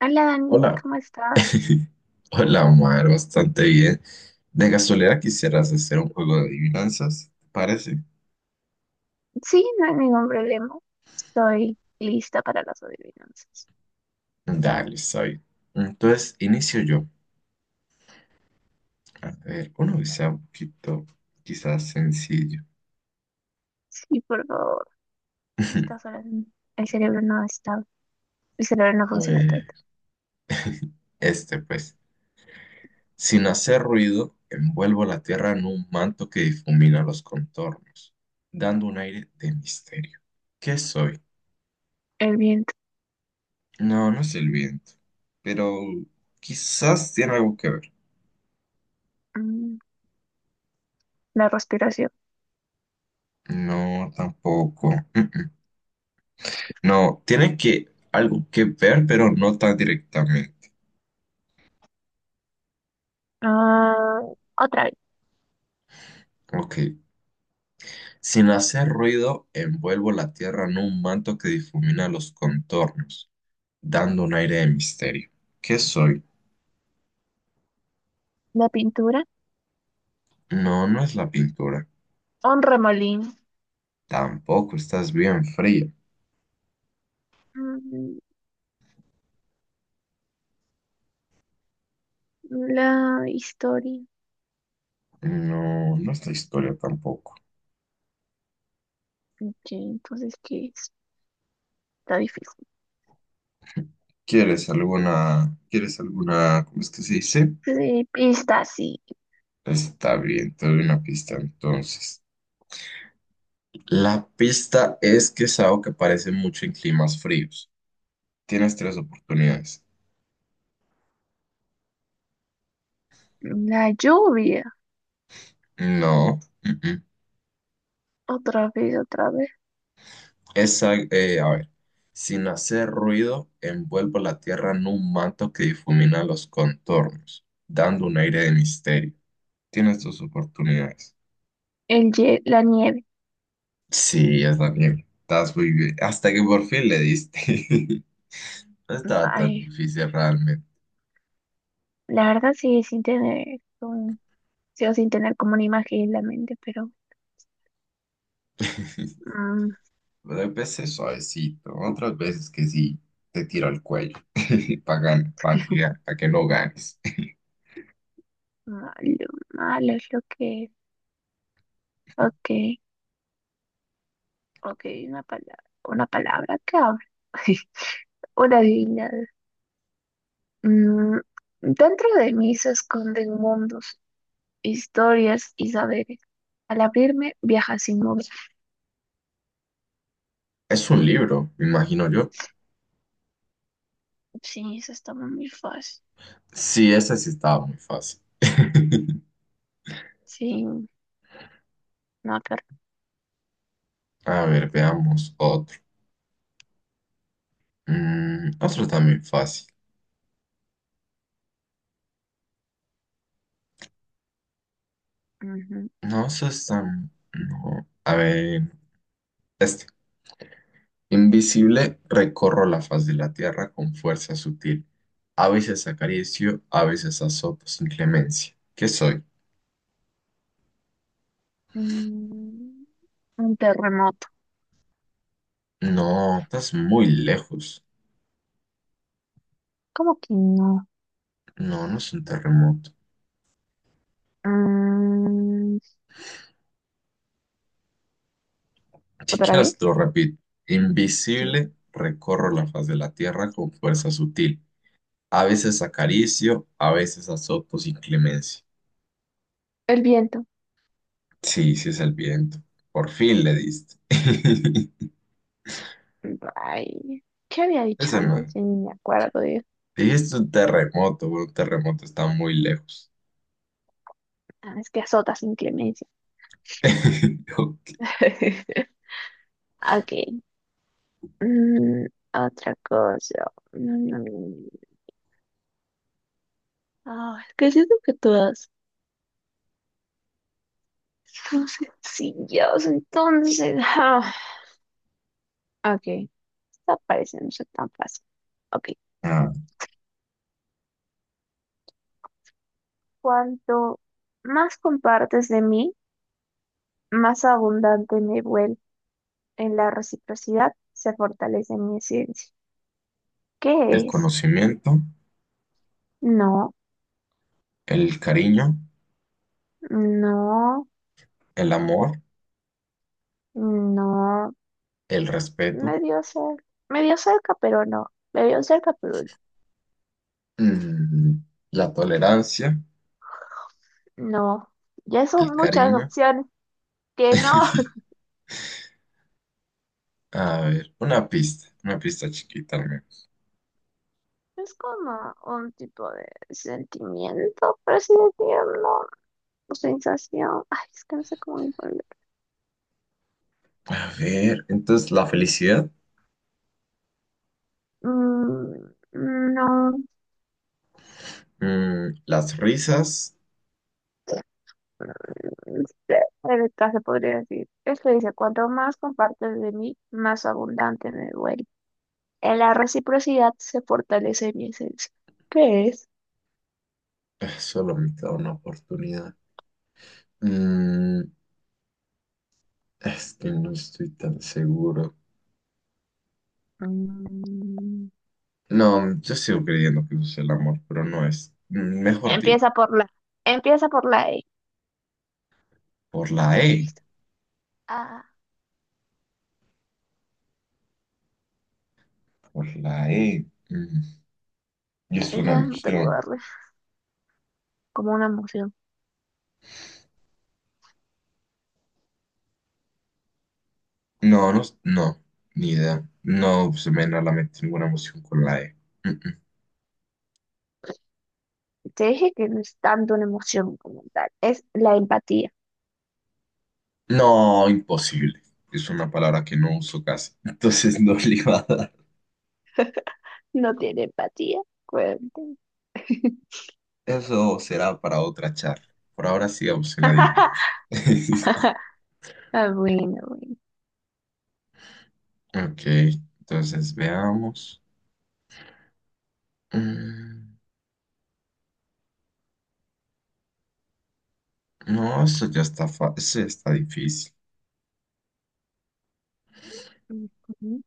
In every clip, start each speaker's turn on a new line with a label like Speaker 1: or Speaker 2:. Speaker 1: Hola Dani,
Speaker 2: Hola.
Speaker 1: ¿cómo estás?
Speaker 2: Hola, Omar, bastante bien. De casualidad quisieras hacer un juego de adivinanzas, ¿te parece?
Speaker 1: Sí, no hay ningún problema. Estoy lista para las adivinanzas.
Speaker 2: Dale, soy. Entonces, inicio yo. A ver, uno que sea un poquito, quizás sencillo.
Speaker 1: Sí, por favor. A estas horas el cerebro no está, el cerebro no
Speaker 2: A
Speaker 1: funciona
Speaker 2: ver,
Speaker 1: tanto.
Speaker 2: este pues. Sin hacer ruido, envuelvo la tierra en un manto que difumina los contornos, dando un aire de misterio. ¿Qué soy?
Speaker 1: El viento.
Speaker 2: No, no es el viento, pero quizás tiene algo que ver.
Speaker 1: mm, la respiración.
Speaker 2: No, tampoco. Mm-mm. No, tiene que algo que ver, pero no tan directamente.
Speaker 1: Ah, otra vez,
Speaker 2: Ok. Sin hacer ruido, envuelvo la tierra en un manto que difumina los contornos, dando un aire de misterio. ¿Qué soy?
Speaker 1: la pintura,
Speaker 2: No, no es la pintura.
Speaker 1: un remolín,
Speaker 2: Tampoco estás bien fría.
Speaker 1: mm, la historia.
Speaker 2: No, no es la historia tampoco.
Speaker 1: Ok, entonces, ¿qué es? Está difícil.
Speaker 2: ¿Cómo es que se dice?
Speaker 1: Sí, está así.
Speaker 2: Está bien, te doy una pista entonces. La pista es que es algo que aparece mucho en climas fríos. Tienes tres oportunidades.
Speaker 1: La lluvia,
Speaker 2: No. Mm-mm.
Speaker 1: otra vez, otra vez.
Speaker 2: Esa, a ver. Sin hacer ruido, envuelvo la tierra en un manto que difumina los contornos, dando un aire de misterio. Tienes tus oportunidades.
Speaker 1: El, la nieve.
Speaker 2: Sí, está bien. Estás muy bien. Hasta que por fin le diste. No estaba tan
Speaker 1: Ay.
Speaker 2: difícil realmente.
Speaker 1: La verdad sí, sin tener, sí, o sin tener como una imagen en la mente, pero mm,
Speaker 2: Pero hay veces suavecito, otras veces que sí te tiro al cuello para que, pa' que no ganes.
Speaker 1: malo, malo es lo que, ok, ok, una palabra que habla, una divinidad. Dentro de mí se esconden mundos, historias y saberes. Al abrirme, viaja sin mover.
Speaker 2: Es un libro, me imagino yo.
Speaker 1: Sí, eso está muy fácil.
Speaker 2: Sí, ese sí estaba muy fácil.
Speaker 1: Sí, no, pero,
Speaker 2: A ver, veamos otro. Mm, otro también fácil.
Speaker 1: ujú.
Speaker 2: No, eso es tan... No. A ver, este. Invisible, recorro la faz de la tierra con fuerza sutil. A veces acaricio, a veces azoto sin clemencia. ¿Qué soy?
Speaker 1: Mm, un terremoto.
Speaker 2: No, estás muy lejos.
Speaker 1: ¿Cómo que no?
Speaker 2: No, no es un terremoto.
Speaker 1: Mm.
Speaker 2: Si
Speaker 1: ¿Otra vez?
Speaker 2: quieres, te lo repito.
Speaker 1: Sí.
Speaker 2: Invisible, recorro la faz de la tierra con fuerza sutil. A veces acaricio, a veces azoto sin clemencia.
Speaker 1: El viento.
Speaker 2: Sí, sí es el viento. Por fin le diste.
Speaker 1: Ay, ¿qué había dicho
Speaker 2: Ese no.
Speaker 1: antes? Ya ni me acuerdo. Eh.
Speaker 2: Dijiste un terremoto. Bueno, un terremoto está muy lejos.
Speaker 1: Ah, es que azota sin clemencia.
Speaker 2: Ok.
Speaker 1: Ok. Mm, Otra cosa. Mm. Ah, es que siento que todas son sencillas, entonces. Ah. Ok. Esta parece no ser tan fácil. Ok.
Speaker 2: Ah,
Speaker 1: Cuanto más compartes de mí, más abundante me vuelvo. En la reciprocidad se fortalece mi esencia.
Speaker 2: el
Speaker 1: ¿Qué es?
Speaker 2: conocimiento,
Speaker 1: No,
Speaker 2: el cariño,
Speaker 1: no,
Speaker 2: el amor,
Speaker 1: no,
Speaker 2: el respeto,
Speaker 1: medio cerca, pero no, medio cerca, pero no.
Speaker 2: mm, la tolerancia.
Speaker 1: No, ya
Speaker 2: El
Speaker 1: son muchas
Speaker 2: cariño.
Speaker 1: opciones que no.
Speaker 2: A ver, una pista chiquita al menos.
Speaker 1: Es como un tipo de sentimiento, por así decirlo, o sensación. Ay, es que no sé cómo ponerlo.
Speaker 2: A ver, entonces la felicidad,
Speaker 1: Mm, no,
Speaker 2: mm, las risas,
Speaker 1: cerca se podría decir. Esto dice, cuanto más compartes de mí, más abundante me vuelvo. En la reciprocidad se fortalece mi esencia. ¿Qué es?
Speaker 2: solo me queda una oportunidad. Mm, es que no estoy tan seguro.
Speaker 1: Mm.
Speaker 2: No, yo sigo creyendo que eso es el amor, pero no es. Mm, mejor dime,
Speaker 1: Empieza por la. Empieza por la E.
Speaker 2: por la E,
Speaker 1: Listo. Ah,
Speaker 2: por la E. Mm, y es una
Speaker 1: ya no te puedo
Speaker 2: emoción.
Speaker 1: darle como una emoción.
Speaker 2: No, no, no, ni idea. No se me viene a la mente ninguna emoción con la E. Mm, mm.
Speaker 1: Te dije que no es tanto una emoción como tal. Es la empatía.
Speaker 2: No, imposible. Es una palabra que no uso casi. Entonces no le iba a dar.
Speaker 1: No tiene empatía. Cuenten.
Speaker 2: Eso será para otra charla. Por ahora sigamos en la adivinanza.
Speaker 1: Ah, bueno, bueno.
Speaker 2: Ok, entonces veamos. Mm, no, esto ya está, esto ya está difícil.
Speaker 1: Ujú.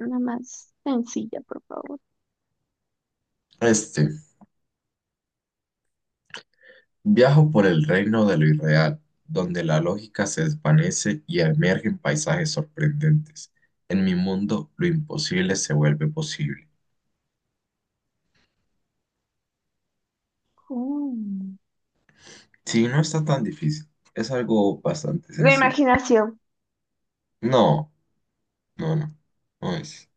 Speaker 1: Una más sencilla, por favor.
Speaker 2: Este, viajo por el reino de lo irreal, donde la lógica se desvanece y emergen paisajes sorprendentes. En mi mundo, lo imposible se vuelve posible.
Speaker 1: Mm.
Speaker 2: Sí, no está tan difícil. Es algo bastante
Speaker 1: La
Speaker 2: sencillo.
Speaker 1: imaginación,
Speaker 2: No, no, no, no es.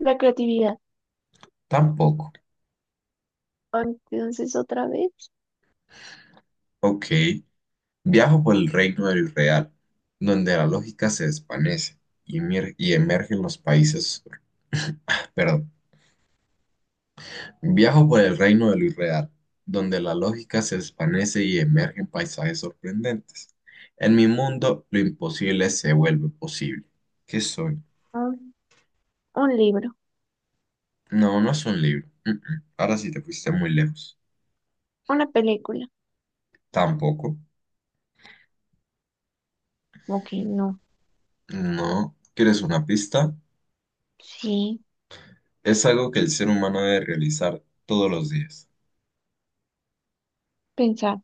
Speaker 1: la creatividad.
Speaker 2: Tampoco.
Speaker 1: Entonces, otra vez.
Speaker 2: Ok. Viajo por el reino del real, donde la lógica se desvanece y emergen los países. Perdón. Viajo por el reino del irreal, donde la lógica se desvanece y emergen paisajes sorprendentes. En mi mundo, lo imposible se vuelve posible. ¿Qué soy?
Speaker 1: Un libro,
Speaker 2: No, no es un libro. Mm, mm. Ahora sí te fuiste muy lejos.
Speaker 1: una película.
Speaker 2: Tampoco.
Speaker 1: Ok, no.
Speaker 2: No. ¿Quieres una pista?
Speaker 1: Sí,
Speaker 2: Es algo que el ser humano debe realizar todos los días.
Speaker 1: pensar.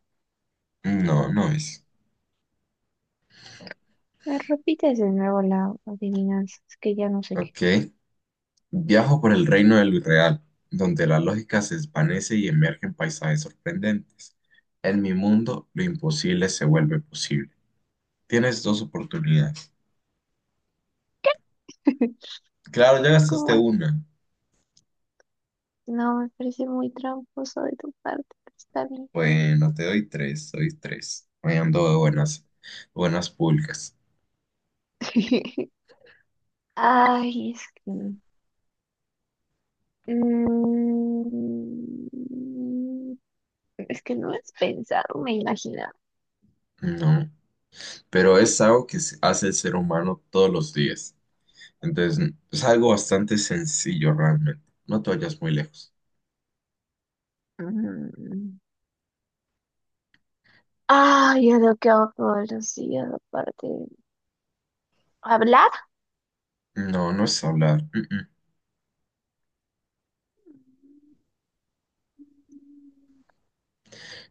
Speaker 2: No, no es.
Speaker 1: Me repites de nuevo la adivinanza, es que ya no sé qué
Speaker 2: Ok. Viajo por el reino de lo irreal, donde la lógica se desvanece y emergen paisajes sorprendentes. En mi mundo, lo imposible se vuelve posible. Tienes dos oportunidades.
Speaker 1: es.
Speaker 2: Claro, ya gastaste
Speaker 1: ¿Cómo es?
Speaker 2: una.
Speaker 1: No, me parece muy tramposo de tu parte, pero está bien.
Speaker 2: Bueno, te doy tres, doy tres. Me ando de buenas, buenas pulgas.
Speaker 1: Ay, es que... mm, es que no es pensar, me imaginar.
Speaker 2: No, pero es algo que hace el ser humano todos los días. Entonces, es algo bastante sencillo realmente. No te vayas muy lejos.
Speaker 1: Mm. Ay, es lo que hago todos los días, aparte. ¿Hablar?
Speaker 2: No, no es hablar. Mm, mm.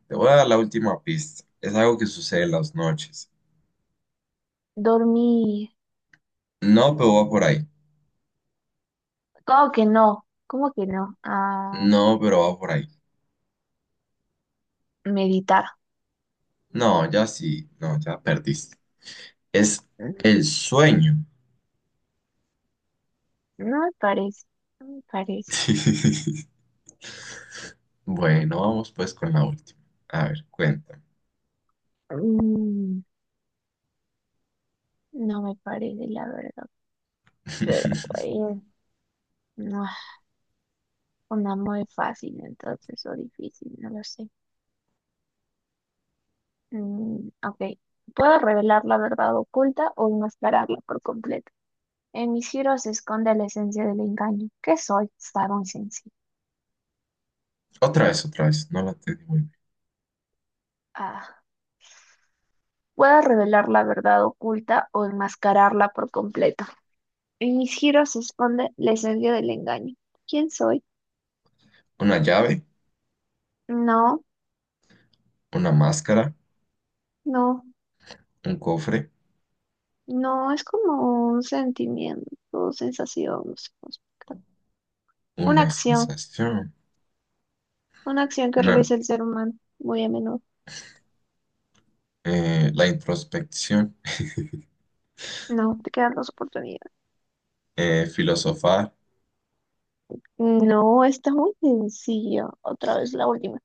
Speaker 2: Te voy a dar la última pista. Es algo que sucede en las noches.
Speaker 1: Dormir.
Speaker 2: No, pero va por ahí.
Speaker 1: ¿Cómo que no? ¿Cómo que no? Ah,
Speaker 2: No, pero va por ahí.
Speaker 1: meditar.
Speaker 2: No, ya sí. No, ya perdiste. Es
Speaker 1: Mm,
Speaker 2: el sueño.
Speaker 1: no me parece, no me parece.
Speaker 2: Bueno, vamos pues con la última. A ver, cuéntame.
Speaker 1: Mm, no me parece, la verdad. Pero bueno, no, es una muy fácil entonces o difícil, no lo sé. Mm, ok. Puedo revelar la verdad oculta o enmascararla por completo. En mis giros se esconde la esencia del engaño. ¿Qué soy? Estaba sencillo.
Speaker 2: Otra vez, otra vez. No la entendí muy bien.
Speaker 1: Ah. Puedo revelar la verdad oculta o enmascararla por completo. En mis giros se esconde la esencia del engaño. ¿Quién soy?
Speaker 2: Una llave,
Speaker 1: No,
Speaker 2: una máscara,
Speaker 1: no,
Speaker 2: un cofre,
Speaker 1: no es como un sentimiento, sensación, no sé cómo explicar. Una
Speaker 2: una
Speaker 1: acción,
Speaker 2: sensación.
Speaker 1: una acción que
Speaker 2: Una
Speaker 1: realiza el ser humano muy a menudo.
Speaker 2: la introspección,
Speaker 1: No, te quedan dos oportunidades.
Speaker 2: filosofar,
Speaker 1: No, está muy sencilla. Otra vez la última.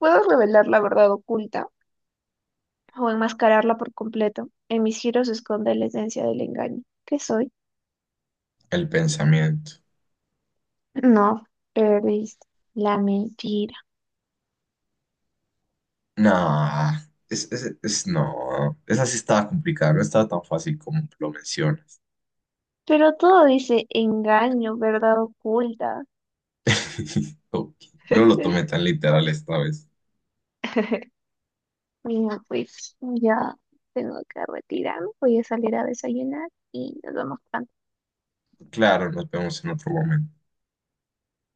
Speaker 1: Puedo revelar la verdad oculta o enmascararla por completo. En mis giros se esconde la esencia del engaño. ¿Qué soy?
Speaker 2: el pensamiento.
Speaker 1: No, perdiste. La mentira.
Speaker 2: Nah, no, esa sí estaba complicada, no estaba tan fácil como lo mencionas.
Speaker 1: Pero todo dice engaño, verdad oculta.
Speaker 2: Ok, no lo tomé tan literal esta vez.
Speaker 1: Bueno, pues ya tengo que retirarme, voy a salir a desayunar y nos vemos pronto.
Speaker 2: Claro, nos vemos en otro momento.